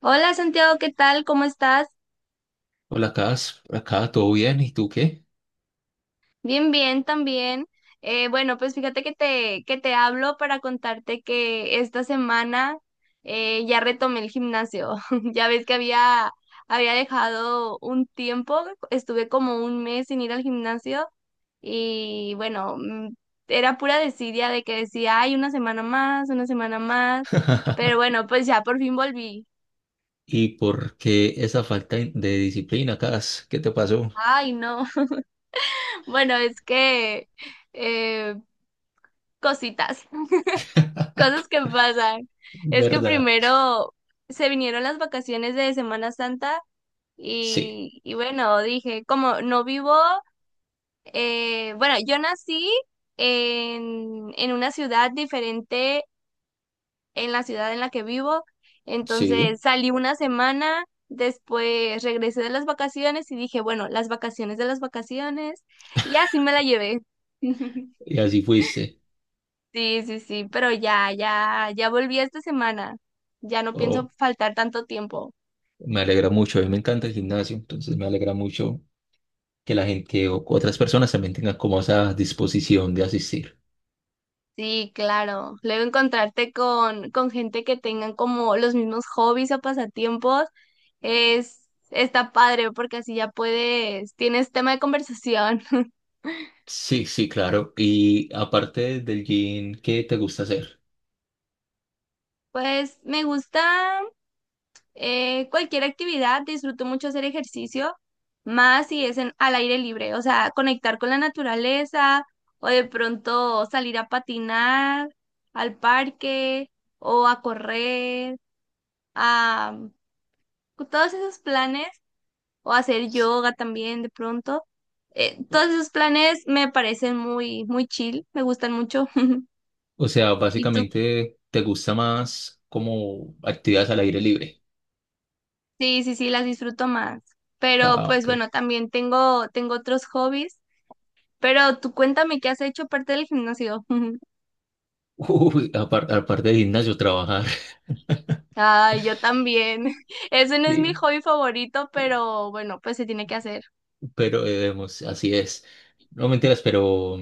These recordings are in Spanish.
Hola Santiago, ¿qué tal? ¿Cómo estás? Hola, Cas, acá todo bien, ¿y tú qué? Bien, bien, también. Bueno, pues fíjate que te hablo para contarte que esta semana ya retomé el gimnasio. Ya ves que había dejado un tiempo, estuve como un mes sin ir al gimnasio y bueno, era pura desidia de que decía, ay, una semana más, pero bueno, pues ya por fin volví. ¿Y por qué esa falta de disciplina, Cas? ¿Qué te pasó? Ay, no. Bueno, es que... eh, cositas. Cosas que pasan. Es que ¿Verdad? primero se vinieron las vacaciones de Semana Santa Sí, y bueno, dije, como no vivo, bueno, yo nací en una ciudad diferente en la ciudad en la que vivo, sí, entonces salí una semana, después regresé de las vacaciones y dije, bueno, las vacaciones de las vacaciones y así me la llevé. y así fuiste. Sí, sí, sí, pero ya, ya, ya volví esta semana. Ya no pienso Oh, faltar tanto tiempo. me alegra mucho, a mí me encanta el gimnasio, entonces me alegra mucho que la gente, otras personas también tengan como esa disposición de asistir. Sí, claro. Luego encontrarte con gente que tengan como los mismos hobbies o pasatiempos es, está padre porque así ya puedes, tienes tema de conversación. Sí, sí, claro. Y aparte del gym, ¿qué te gusta hacer? Pues me gusta, cualquier actividad, disfruto mucho hacer ejercicio, más si es al aire libre, o sea, conectar con la naturaleza o de pronto salir a patinar al parque o a correr, a todos esos planes o hacer yoga también de pronto. Todos esos planes me parecen muy, muy chill, me gustan mucho. O sea, Y tú, básicamente, ¿te gusta más como actividades al aire libre? sí, sí, sí, las disfruto más. Pero Ah, pues ok. bueno, también tengo otros hobbies. Pero tú cuéntame qué has hecho aparte del gimnasio. Uy, aparte de gimnasio, trabajar. Ay, yo también. Ese no es mi Sí, hobby favorito, pero bueno, pues se tiene que hacer. pero vemos así es. No mentiras, pero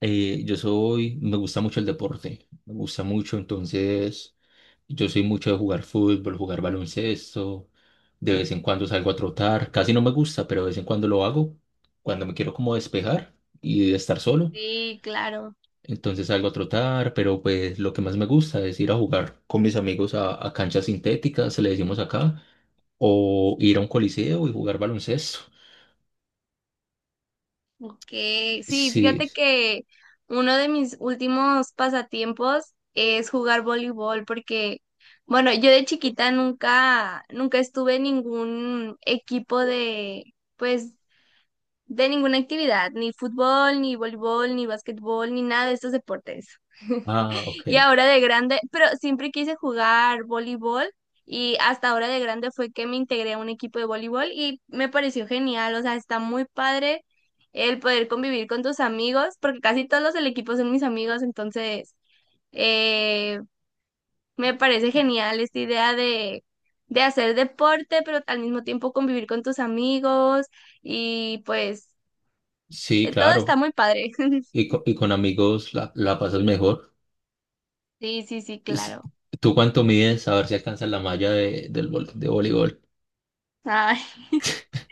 yo soy, me gusta mucho el deporte, me gusta mucho, entonces yo soy mucho de jugar fútbol, jugar baloncesto, de vez en cuando salgo a trotar, casi no me gusta, pero de vez en cuando lo hago, cuando me quiero como despejar y estar solo. Sí, claro. Entonces salgo a trotar, pero pues lo que más me gusta es ir a jugar con mis amigos a canchas sintéticas, se le decimos acá, o ir a un coliseo y jugar baloncesto. Ok. Sí, Sí, fíjate que uno de mis últimos pasatiempos es jugar voleibol porque, bueno, yo de chiquita nunca, nunca estuve en ningún equipo de, pues, de ninguna actividad, ni fútbol, ni voleibol, ni básquetbol, ni nada de estos deportes. ah, ok. Y ahora de grande, pero siempre quise jugar voleibol y hasta ahora de grande fue que me integré a un equipo de voleibol y me pareció genial, o sea, está muy padre el poder convivir con tus amigos, porque casi todos los del equipo son mis amigos, entonces eh, me parece genial esta idea de hacer deporte, pero al mismo tiempo convivir con tus amigos y pues Sí, todo está claro. muy padre. Y, y con amigos la, la pasas mejor. Sí, sí, sí, Es- claro. ¿Tú cuánto mides? A ver si alcanzas la malla de, de voleibol. Ay,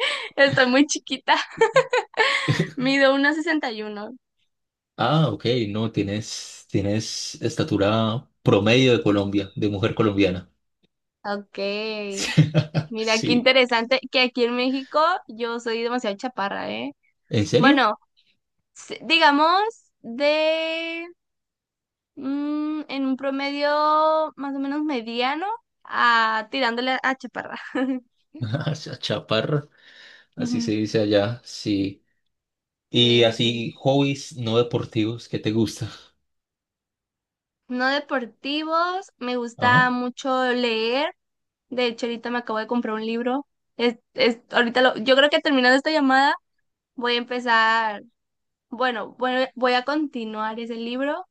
estoy muy chiquita. Mido 1,61. Ah, ok, no, tienes, tienes estatura promedio de Colombia, de mujer colombiana. Ok. Mira, qué Sí, interesante que aquí en México yo soy demasiado chaparra, ¿eh? ¿en serio? Bueno, digamos de en un promedio más o menos mediano a tirándole a chaparra. Hacia chaparro, así se Ujú. dice allá, sí. Sí, Y sí, sí. así, hobbies no deportivos, ¿qué te gusta? No deportivos, me Ajá. gusta mucho leer. De hecho, ahorita me acabo de comprar un libro. Yo creo que terminando esta llamada voy a empezar bueno, bueno, voy a continuar ese libro.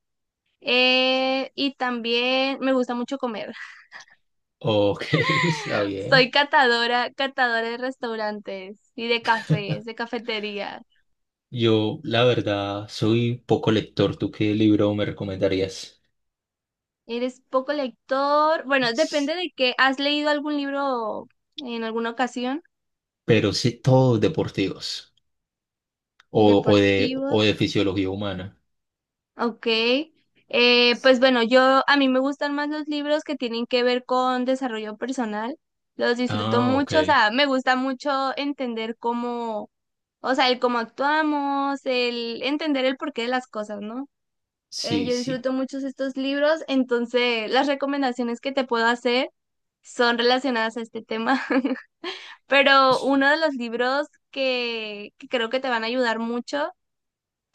Y también me gusta mucho comer. Ok, está Soy bien. catadora, catadora de restaurantes y de cafés, de cafetería. Yo, la verdad, soy poco lector. ¿Tú qué libro me recomendarías? ¿Eres poco lector? Bueno, S- depende de qué. ¿Has leído algún libro en alguna ocasión? pero sí, todos deportivos Deportivo. o de fisiología humana. Ok, pues bueno, yo a mí me gustan más los libros que tienen que ver con desarrollo personal. Los disfruto Ah, ok. mucho, o sea, me gusta mucho entender o sea, el cómo actuamos, el entender el porqué de las cosas, ¿no? Sí, Yo sí. disfruto muchos estos libros, entonces las recomendaciones que te puedo hacer son relacionadas a este tema. Pero S- uno de los libros que creo que te van a ayudar mucho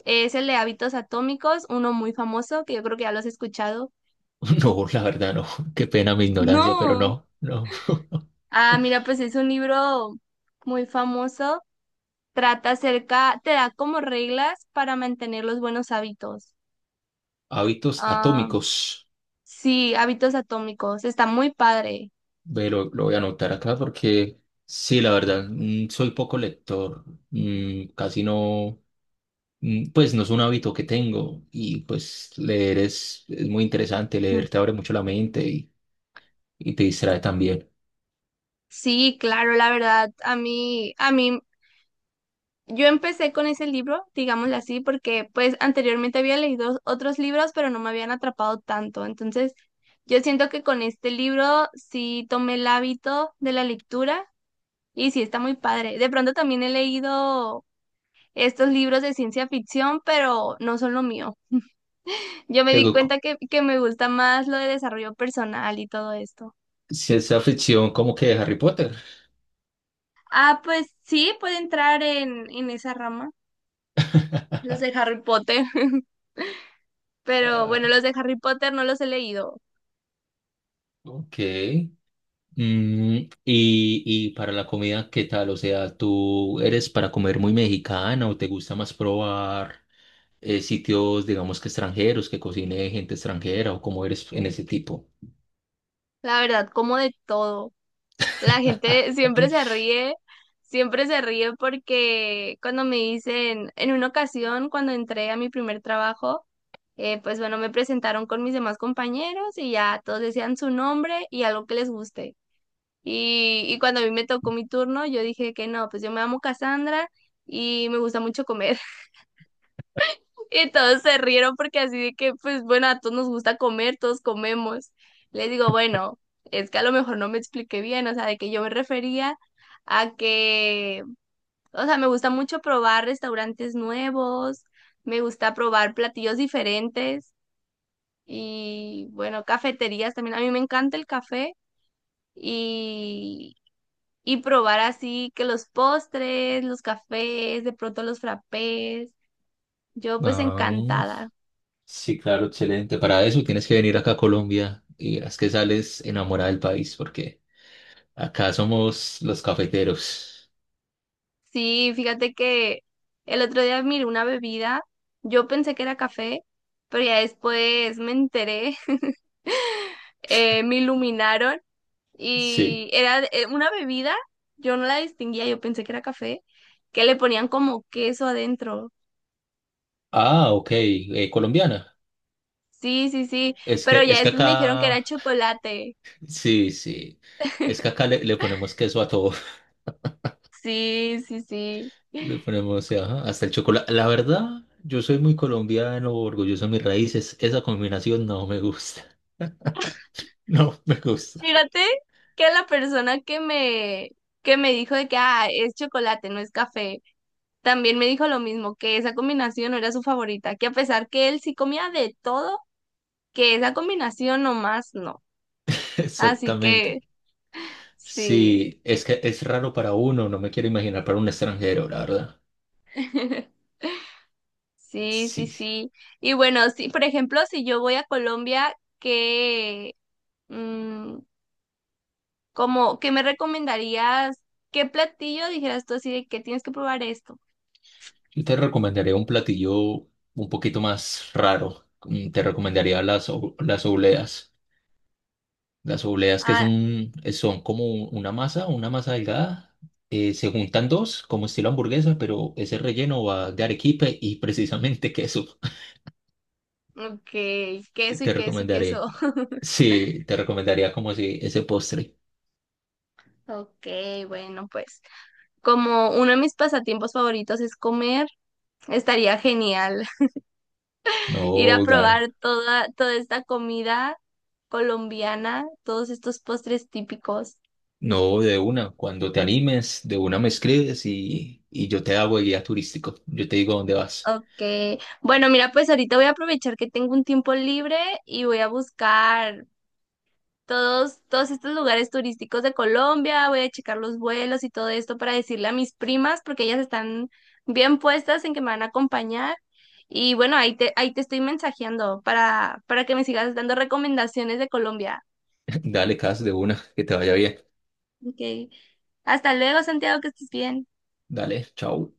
es el de hábitos atómicos, uno muy famoso, que yo creo que ya lo has escuchado. No, la verdad, no. Qué pena mi ignorancia, pero No. no, no. Ah, mira, pues es un libro muy famoso. Trata acerca, te da como reglas para mantener los buenos hábitos. Hábitos Ah, atómicos. sí, hábitos atómicos. Está muy padre. Ve, lo voy a anotar acá porque sí, la verdad, soy poco lector, casi no, pues no es un hábito que tengo y pues leer es muy interesante, leer te abre mucho la mente y te distrae también. Sí, claro, la verdad, a mí yo empecé con ese libro, digámoslo así, porque pues anteriormente había leído otros libros, pero no me habían atrapado tanto. Entonces, yo siento que con este libro sí tomé el hábito de la lectura y sí está muy padre. De pronto también he leído estos libros de ciencia ficción, pero no son lo mío. Yo me di Tengo co- cuenta que me gusta más lo de desarrollo personal y todo esto. ciencia ficción como que de Harry Potter. Ah, pues sí, puede entrar en esa rama, los de Harry Potter. Pero bueno, Ah, los de Harry Potter no los he leído. ok. Mm, y para la comida, ¿qué tal? O sea, ¿tú eres para comer muy mexicana o te gusta más probar sitios, digamos que extranjeros, que cocine gente extranjera o cómo eres en ese tipo? La verdad, como de todo. La gente siempre se ríe porque cuando me dicen, en una ocasión, cuando entré a mi primer trabajo, pues bueno, me presentaron con mis demás compañeros y ya todos decían su nombre y algo que les guste. Y cuando a mí me tocó mi turno, yo dije que no, pues yo me llamo Cassandra y me gusta mucho comer. Y todos se rieron porque así de que, pues bueno, a todos nos gusta comer, todos comemos. Les digo, bueno, es que a lo mejor no me expliqué bien, o sea, de que yo me refería a que, o sea, me gusta mucho probar restaurantes nuevos, me gusta probar platillos diferentes y, bueno, cafeterías también. A mí me encanta el café y, y probar así que los postres, los cafés, de pronto los frappés. Yo pues Ah, encantada. sí, claro, excelente. Para eso tienes que venir acá a Colombia y verás que sales enamorada del país, porque acá somos los cafeteros. Sí, fíjate que el otro día miré una bebida, yo pensé que era café, pero ya después me enteré, me iluminaron Sí. y era una bebida, yo no la distinguía, yo pensé que era café, que le ponían como queso adentro. Ah, ok. Eh, colombiana. Sí, sí, sí, pero ya Es que después me dijeron que era acá, chocolate. sí, sí. Es que acá le, le ponemos queso a todo. Sí, sí, sí. Le ponemos, sí, ajá, hasta el chocolate. La verdad, yo soy muy colombiano, orgulloso de mis raíces. Esa combinación no me gusta. No me gusta. Fíjate que la persona que me dijo de que ah, es chocolate, no es café. También me dijo lo mismo, que esa combinación no era su favorita, que a pesar que él sí comía de todo, que esa combinación nomás no. Así Exactamente. que sí, Sí, es que es raro para uno, no me quiero imaginar para un extranjero, la verdad. sí, sí, Sí. sí. Y bueno, sí, por ejemplo, si yo voy a Colombia, mm, qué me recomendarías? ¿Qué platillo dijeras tú así de que tienes que probar esto? Yo te recomendaría un platillo un poquito más raro. Mm, te recomendaría las, las obleas. Las obleas que es Ah, un, son como una masa delgada. Eh, se juntan dos, como estilo hamburguesa, pero ese relleno va de arequipe y precisamente queso. ok, queso y Te queso y recomendaré, queso. sí, te recomendaría como si ese postre. Ok, bueno, pues como uno de mis pasatiempos favoritos es comer. Estaría genial ir a No, dar, probar toda esta comida colombiana, todos estos postres típicos. no, de una. Cuando te animes, de una me escribes y yo te hago el guía turístico. Yo te digo dónde vas. Ok, bueno, mira, pues ahorita voy a aprovechar que tengo un tiempo libre y voy a buscar todos estos lugares turísticos de Colombia, voy a checar los vuelos y todo esto para decirle a mis primas, porque ellas están bien puestas en que me van a acompañar. Y bueno, ahí te estoy mensajeando para que me sigas dando recomendaciones de Colombia. Dale, Cas, de una, que te vaya bien. Ok. Hasta luego, Santiago, que estés bien. Dale, chao.